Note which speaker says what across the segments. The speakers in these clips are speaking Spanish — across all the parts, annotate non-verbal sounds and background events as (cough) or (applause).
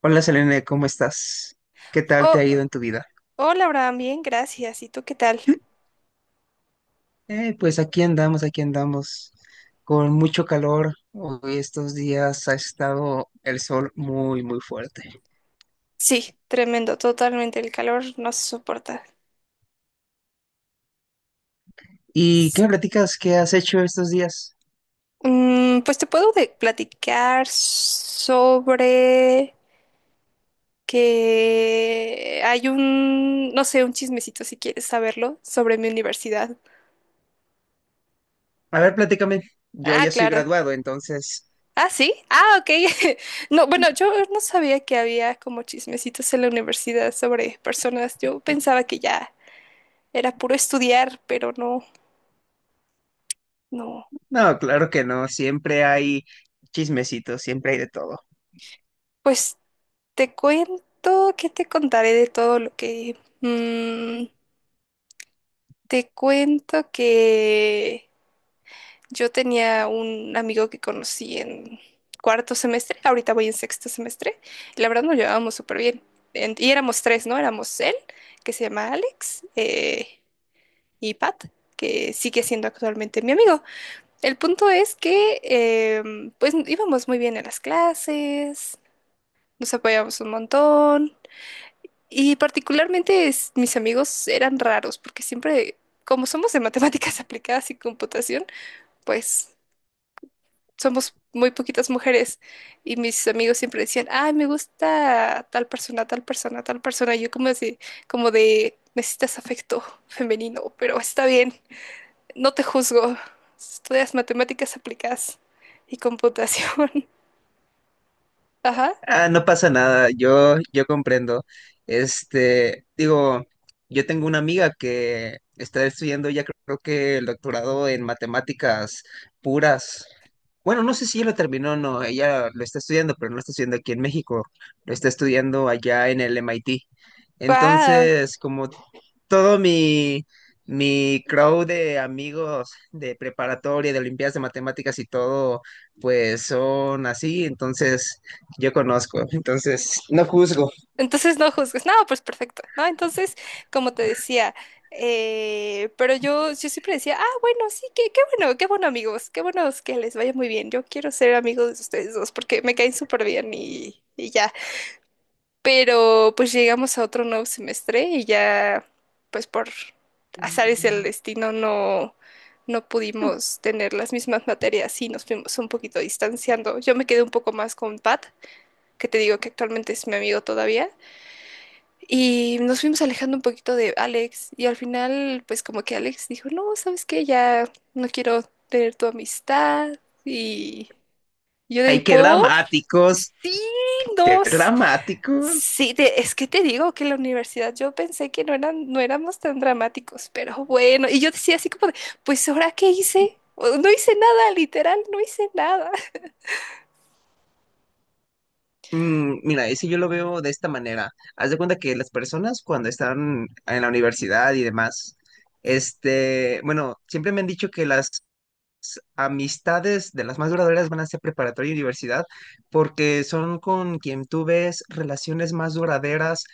Speaker 1: Hola Selene, ¿cómo estás? ¿Qué tal te
Speaker 2: Oh,
Speaker 1: ha ido en tu vida?
Speaker 2: hola, Abraham, bien, gracias. ¿Y tú qué tal?
Speaker 1: Pues aquí andamos, con mucho calor. Hoy estos días ha estado el sol muy, muy fuerte.
Speaker 2: Sí, tremendo, totalmente. El calor no se soporta.
Speaker 1: ¿Y qué
Speaker 2: Sí.
Speaker 1: me platicas? ¿Qué has hecho estos días?
Speaker 2: Pues te puedo platicar sobre que hay un, no sé, un chismecito si quieres saberlo, sobre mi universidad.
Speaker 1: A ver, platícame. Yo
Speaker 2: Ah,
Speaker 1: ya soy
Speaker 2: claro.
Speaker 1: graduado, entonces...
Speaker 2: Ah, sí. Ah, ok. (laughs) No, bueno, yo no sabía que había como chismecitos en la universidad sobre personas. Yo pensaba que ya era puro estudiar, pero no, no.
Speaker 1: No, claro que no. Siempre hay chismecitos, siempre hay de todo.
Speaker 2: Pues, te cuento, que te contaré de todo lo que... te cuento que yo tenía un amigo que conocí en cuarto semestre, ahorita voy en sexto semestre, y la verdad nos llevábamos súper bien. Y éramos tres, ¿no? Éramos él, que se llama Alex, y Pat, que sigue siendo actualmente mi amigo. El punto es que, pues, íbamos muy bien en las clases, nos apoyábamos un montón. Y particularmente mis amigos eran raros, porque siempre, como somos de matemáticas (laughs) aplicadas y computación, pues somos muy poquitas mujeres. Y mis amigos siempre decían, ay, me gusta tal persona, tal persona, tal persona. Y yo como así, como de, necesitas afecto femenino, pero está bien, no te juzgo. Estudias matemáticas aplicadas y computación. (laughs) Ajá.
Speaker 1: Ah, no pasa nada, yo comprendo. Este, digo, yo tengo una amiga que está estudiando ya creo que el doctorado en matemáticas puras. Bueno, no sé si ella lo terminó o no, ella lo está estudiando, pero no lo está estudiando aquí en México, lo está estudiando allá en el MIT.
Speaker 2: Wow.
Speaker 1: Entonces, como todo mi crowd de amigos de preparatoria, de Olimpiadas de Matemáticas y todo, pues son así, entonces yo conozco, entonces no juzgo.
Speaker 2: Entonces no juzgues. No, pues perfecto, ¿no? Entonces, como te decía, pero yo siempre decía, ah, bueno, sí, qué bueno, qué bueno amigos, qué buenos que les vaya muy bien. Yo quiero ser amigos de ustedes dos porque me caen súper bien y ya. Pero pues llegamos a otro nuevo semestre y ya, pues por azares del destino no, no pudimos tener las mismas materias y nos fuimos un poquito distanciando. Yo me quedé un poco más con Pat, que te digo que actualmente es mi amigo todavía. Y nos fuimos alejando un poquito de Alex y al final pues como que Alex dijo, no, ¿sabes qué? Ya no quiero tener tu amistad. Y yo de
Speaker 1: Ay, qué
Speaker 2: por...
Speaker 1: dramáticos,
Speaker 2: Sí,
Speaker 1: qué
Speaker 2: nos.
Speaker 1: dramáticos.
Speaker 2: Sí, es que te digo que en la universidad yo pensé que no eran, no éramos tan dramáticos, pero bueno, y yo decía así como de, pues ¿ahora qué hice? No hice nada, literal, no hice nada. (laughs)
Speaker 1: Mm, mira, y si yo lo veo de esta manera, haz de cuenta que las personas cuando están en la universidad y demás, este, bueno, siempre me han dicho que las amistades de las más duraderas van a ser preparatoria y universidad, porque son con quien tú ves relaciones más duraderas,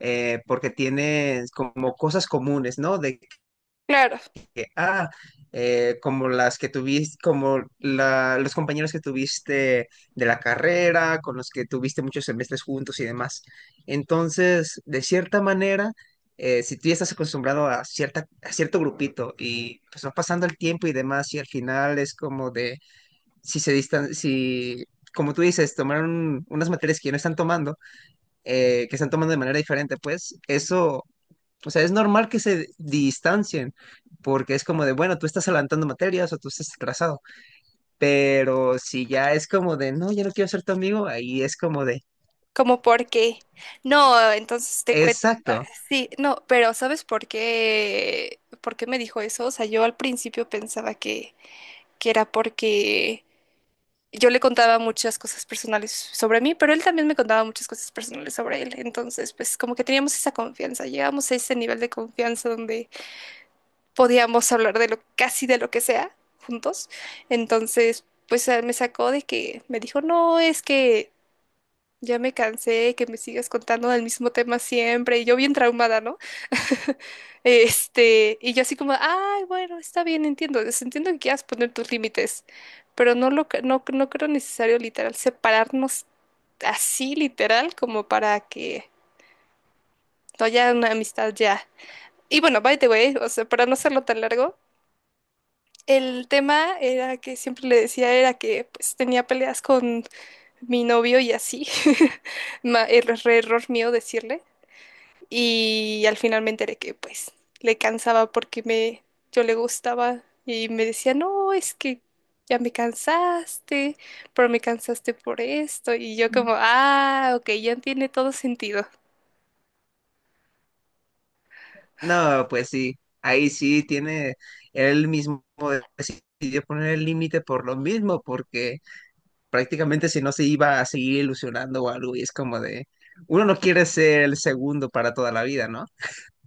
Speaker 1: porque tienes como cosas comunes, ¿no? De
Speaker 2: Claro,
Speaker 1: ah, como las que tuviste, como la- los compañeros que tuviste de la carrera, con los que tuviste muchos semestres juntos y demás. Entonces, de cierta manera, si tú ya estás acostumbrado a cierta, a cierto grupito y pues va pasando el tiempo y demás, y al final es como de, si se distan, si, como tú dices, tomaron unas materias que ya no están tomando, que están tomando de manera diferente, pues eso o sea, es normal que se distancien, porque es como de, bueno, tú estás adelantando materias o tú estás atrasado, pero si ya es como de, no, ya no quiero ser tu amigo, ahí es como de,
Speaker 2: como porque. No, entonces te cuento.
Speaker 1: exacto.
Speaker 2: Sí, no, pero ¿sabes por qué me dijo eso? O sea, yo al principio pensaba que era porque yo le contaba muchas cosas personales sobre mí, pero él también me contaba muchas cosas personales sobre él. Entonces, pues como que teníamos esa confianza, llegamos a ese nivel de confianza donde podíamos hablar de lo, casi de lo que sea juntos. Entonces, pues me sacó de que me dijo, no, es que ya me cansé de que me sigas contando del mismo tema siempre, y yo bien traumada, ¿no? (laughs) Este, y yo así como, ay, bueno, está bien, entiendo, entiendo que quieras poner tus límites, pero no lo, no, no creo necesario literal separarnos así literal como para que no haya una amistad ya. Y bueno, by the way, o sea, para no hacerlo tan largo, el tema era que siempre le decía era que pues tenía peleas con mi novio y así. (laughs) Ma- er- Error mío decirle. Y al final me enteré que pues le cansaba porque me, yo le gustaba y me decía, no, es que ya me cansaste, pero me cansaste por esto. Y yo como, ah, ok, ya tiene todo sentido.
Speaker 1: No, pues sí, ahí sí tiene él mismo decidió poner el límite por lo mismo, porque prácticamente si no se iba a seguir ilusionando o algo, y es como de, uno no quiere ser el segundo para toda la vida, ¿no?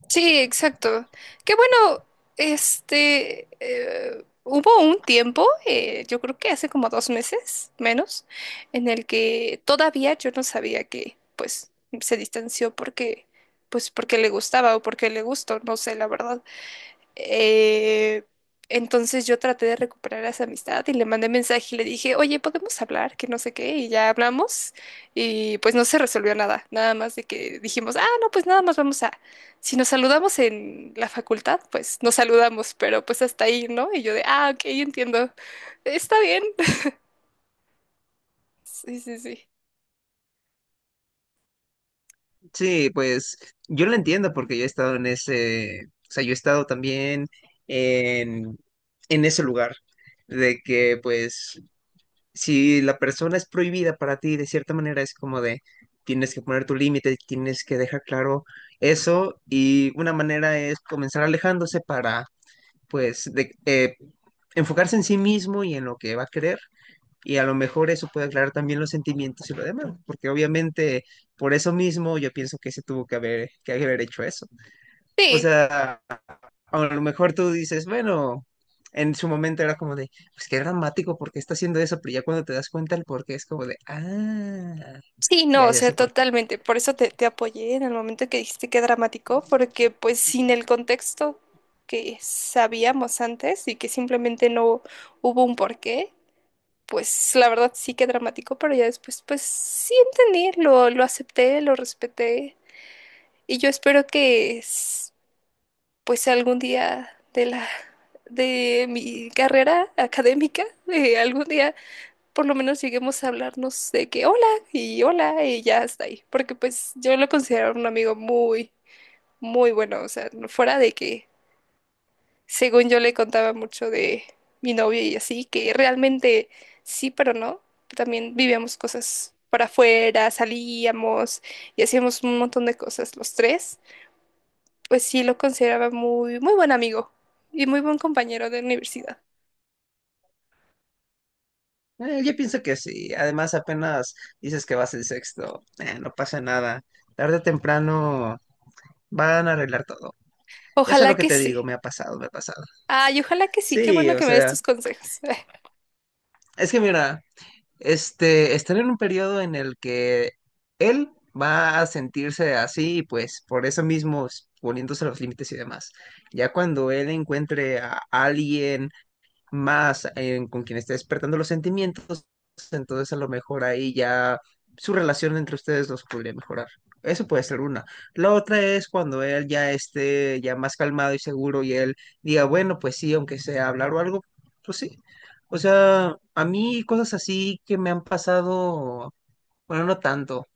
Speaker 2: Sí, exacto. Qué bueno, este, hubo un tiempo, yo creo que hace como 2 meses, menos, en el que todavía yo no sabía que, pues, se distanció porque, pues, porque le gustaba o porque le gustó, no sé, la verdad. Eh, entonces yo traté de recuperar esa amistad y le mandé mensaje y le dije, oye, ¿podemos hablar? Que no sé qué, y ya hablamos y pues no se resolvió nada, nada más de que dijimos, ah, no, pues nada más vamos a, si nos saludamos en la facultad, pues nos saludamos, pero pues hasta ahí, ¿no? Y yo de, ah, ok, entiendo, está bien. (laughs) Sí, sí, sí.
Speaker 1: Sí, pues yo lo entiendo porque yo he estado en ese, o sea, yo he estado también en, en ese lugar de que pues si la persona es prohibida para ti de cierta manera es como de tienes que poner tu límite, tienes que dejar claro eso y una manera es comenzar alejándose para pues de, enfocarse en sí mismo y en lo que va a querer y a lo mejor eso puede aclarar también los sentimientos y lo demás, porque obviamente por eso mismo yo pienso que se tuvo que haber hecho eso. O
Speaker 2: Sí.
Speaker 1: sea, a lo mejor tú dices, bueno, en su momento era como de, pues qué dramático, porque está haciendo eso? Pero ya cuando te das cuenta el por qué es como de, ah,
Speaker 2: Sí, no,
Speaker 1: ya,
Speaker 2: o
Speaker 1: ya
Speaker 2: sea,
Speaker 1: sé por qué.
Speaker 2: totalmente. Por eso te apoyé en el momento que dijiste que dramático, porque pues sin el contexto que sabíamos antes y que simplemente no hubo un porqué, pues la verdad sí que dramático, pero ya después pues sí entendí, lo acepté, lo respeté y yo espero que pues algún día de la de mi carrera académica, algún día por lo menos lleguemos a hablarnos de que hola y hola y ya está ahí. Porque pues yo lo considero un amigo muy, muy bueno. O sea, fuera de que según yo le contaba mucho de mi novio y así, que realmente sí, pero no. También vivíamos cosas para afuera, salíamos y hacíamos un montón de cosas los tres. Pues sí lo consideraba muy, muy buen amigo y muy buen compañero de universidad.
Speaker 1: Yo pienso que sí, además apenas dices que vas el sexto, no pasa nada, tarde o temprano van a arreglar todo. Ya sé lo
Speaker 2: Ojalá
Speaker 1: que
Speaker 2: que
Speaker 1: te digo,
Speaker 2: sí.
Speaker 1: me ha pasado, me ha pasado.
Speaker 2: Ay, ojalá que sí. Qué
Speaker 1: Sí,
Speaker 2: bueno
Speaker 1: o
Speaker 2: que me des
Speaker 1: sea,
Speaker 2: tus consejos. (laughs)
Speaker 1: es que mira, este, están en un periodo en el que él va a sentirse así y pues por eso mismo s- poniéndose los límites y demás. Ya cuando él encuentre a alguien más en- con quien esté despertando los sentimientos, entonces a lo mejor ahí ya su relación entre ustedes los podría mejorar. Eso puede ser una. La otra es cuando él ya esté ya más calmado y seguro y él diga, bueno, pues sí, aunque sea hablar o algo, pues sí. O sea, a mí cosas así que me han pasado, bueno, no tanto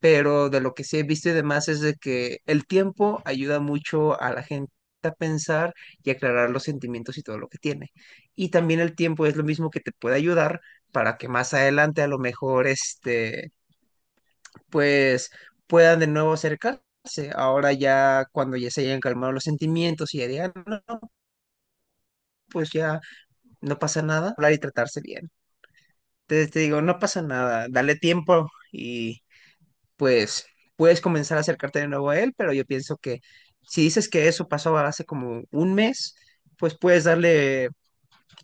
Speaker 1: pero de lo que sí he visto y demás es de que el tiempo ayuda mucho a la gente a pensar y aclarar los sentimientos y todo lo que tiene. Y también el tiempo es lo mismo que te puede ayudar para que más adelante a lo mejor este pues puedan de nuevo acercarse. Ahora ya cuando ya se hayan calmado los sentimientos y ya digan, "No, no, pues ya no pasa nada, hablar y tratarse bien. Entonces te digo, no pasa nada, dale tiempo y pues puedes comenzar a acercarte de nuevo a él, pero yo pienso que si dices que eso pasó hace como un mes, pues puedes darle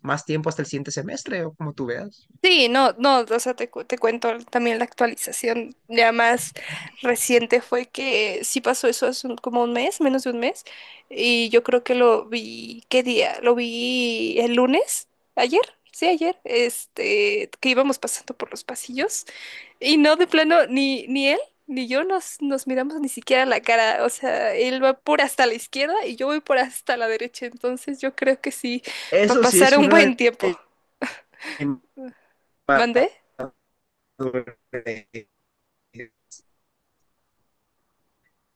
Speaker 1: más tiempo hasta el siguiente semestre o como tú veas.
Speaker 2: Sí, no, no, o sea, te cuento también la actualización ya más reciente fue que sí pasó eso hace como un mes, menos de un mes, y yo creo que lo vi, ¿qué día? Lo vi el lunes, ayer, sí, ayer, este, que íbamos pasando por los pasillos, y no, de plano, ni, ni él, ni yo nos, nos miramos ni siquiera la cara, o sea, él va por hasta la izquierda y yo voy por hasta la derecha, entonces yo creo que sí, va a
Speaker 1: Eso sí
Speaker 2: pasar
Speaker 1: es
Speaker 2: un
Speaker 1: una
Speaker 2: buen tiempo, ¿mandé?
Speaker 1: de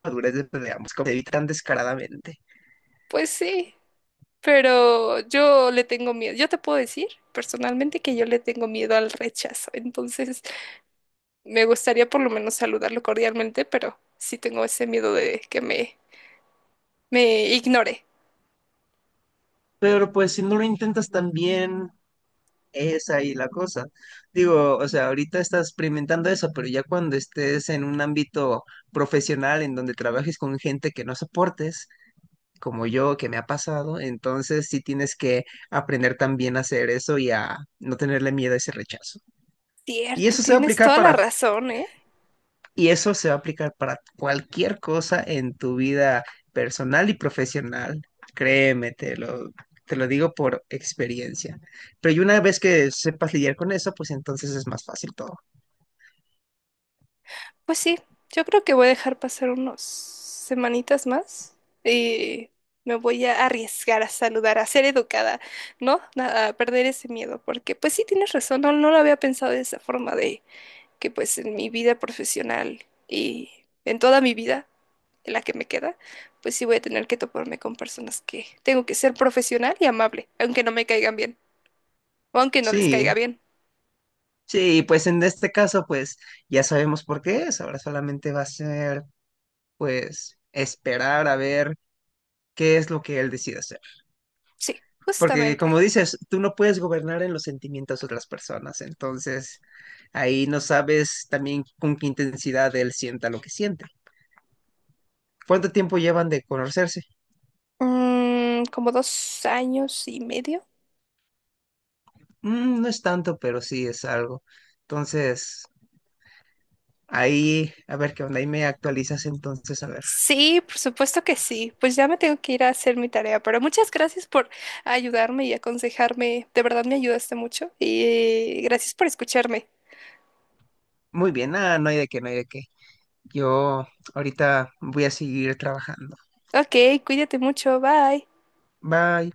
Speaker 1: madurez de ambos, como se evitan descaradamente.
Speaker 2: Pues sí. Pero yo le tengo miedo. Yo te puedo decir personalmente que yo le tengo miedo al rechazo. Entonces, me gustaría por lo menos saludarlo cordialmente, pero sí tengo ese miedo de que me ignore.
Speaker 1: Pero pues si no lo intentas también, es ahí la cosa. Digo, o sea, ahorita estás experimentando eso, pero ya cuando estés en un ámbito profesional en donde trabajes con gente que no soportes, como yo, que me ha pasado, entonces sí tienes que aprender también a hacer eso y a no tenerle miedo a ese rechazo. Y
Speaker 2: Cierto,
Speaker 1: eso se va a
Speaker 2: tienes
Speaker 1: aplicar
Speaker 2: toda la
Speaker 1: para,
Speaker 2: razón, ¿eh?
Speaker 1: y eso se va a aplicar para cualquier cosa en tu vida personal y profesional. Créeme, te lo digo por experiencia. Pero y una vez que sepas lidiar con eso, pues entonces es más fácil todo.
Speaker 2: Pues sí, yo creo que voy a dejar pasar unos semanitas más y me voy a arriesgar a saludar, a ser educada, ¿no? A perder ese miedo, porque pues sí tienes razón, no, no lo había pensado de esa forma que pues en mi vida profesional y en toda mi vida, en la que me queda, pues sí voy a tener que toparme con personas que tengo que ser profesional y amable, aunque no me caigan bien, o aunque no les caiga
Speaker 1: Sí,
Speaker 2: bien.
Speaker 1: sí, pues en este caso, pues ya sabemos por qué es. Ahora solamente va a ser, pues, esperar a ver qué es lo que él decide hacer.
Speaker 2: Sí,
Speaker 1: Porque como
Speaker 2: justamente.
Speaker 1: dices, tú no puedes gobernar en los sentimientos de otras personas. Entonces, ahí no sabes también con qué intensidad él sienta lo que siente. ¿Cuánto tiempo llevan de conocerse?
Speaker 2: Mm, como 2 años y medio.
Speaker 1: Mm, no es tanto, pero sí es algo. Entonces, ahí, a ver qué onda, ahí me actualizas entonces, a ver.
Speaker 2: Sí, por supuesto que sí. Pues ya me tengo que ir a hacer mi tarea, pero muchas gracias por ayudarme y aconsejarme. De verdad me ayudaste mucho y gracias por escucharme.
Speaker 1: Muy bien, ah, no hay de qué, no hay de qué. Yo ahorita voy a seguir trabajando.
Speaker 2: Ok, cuídate mucho. Bye.
Speaker 1: Bye.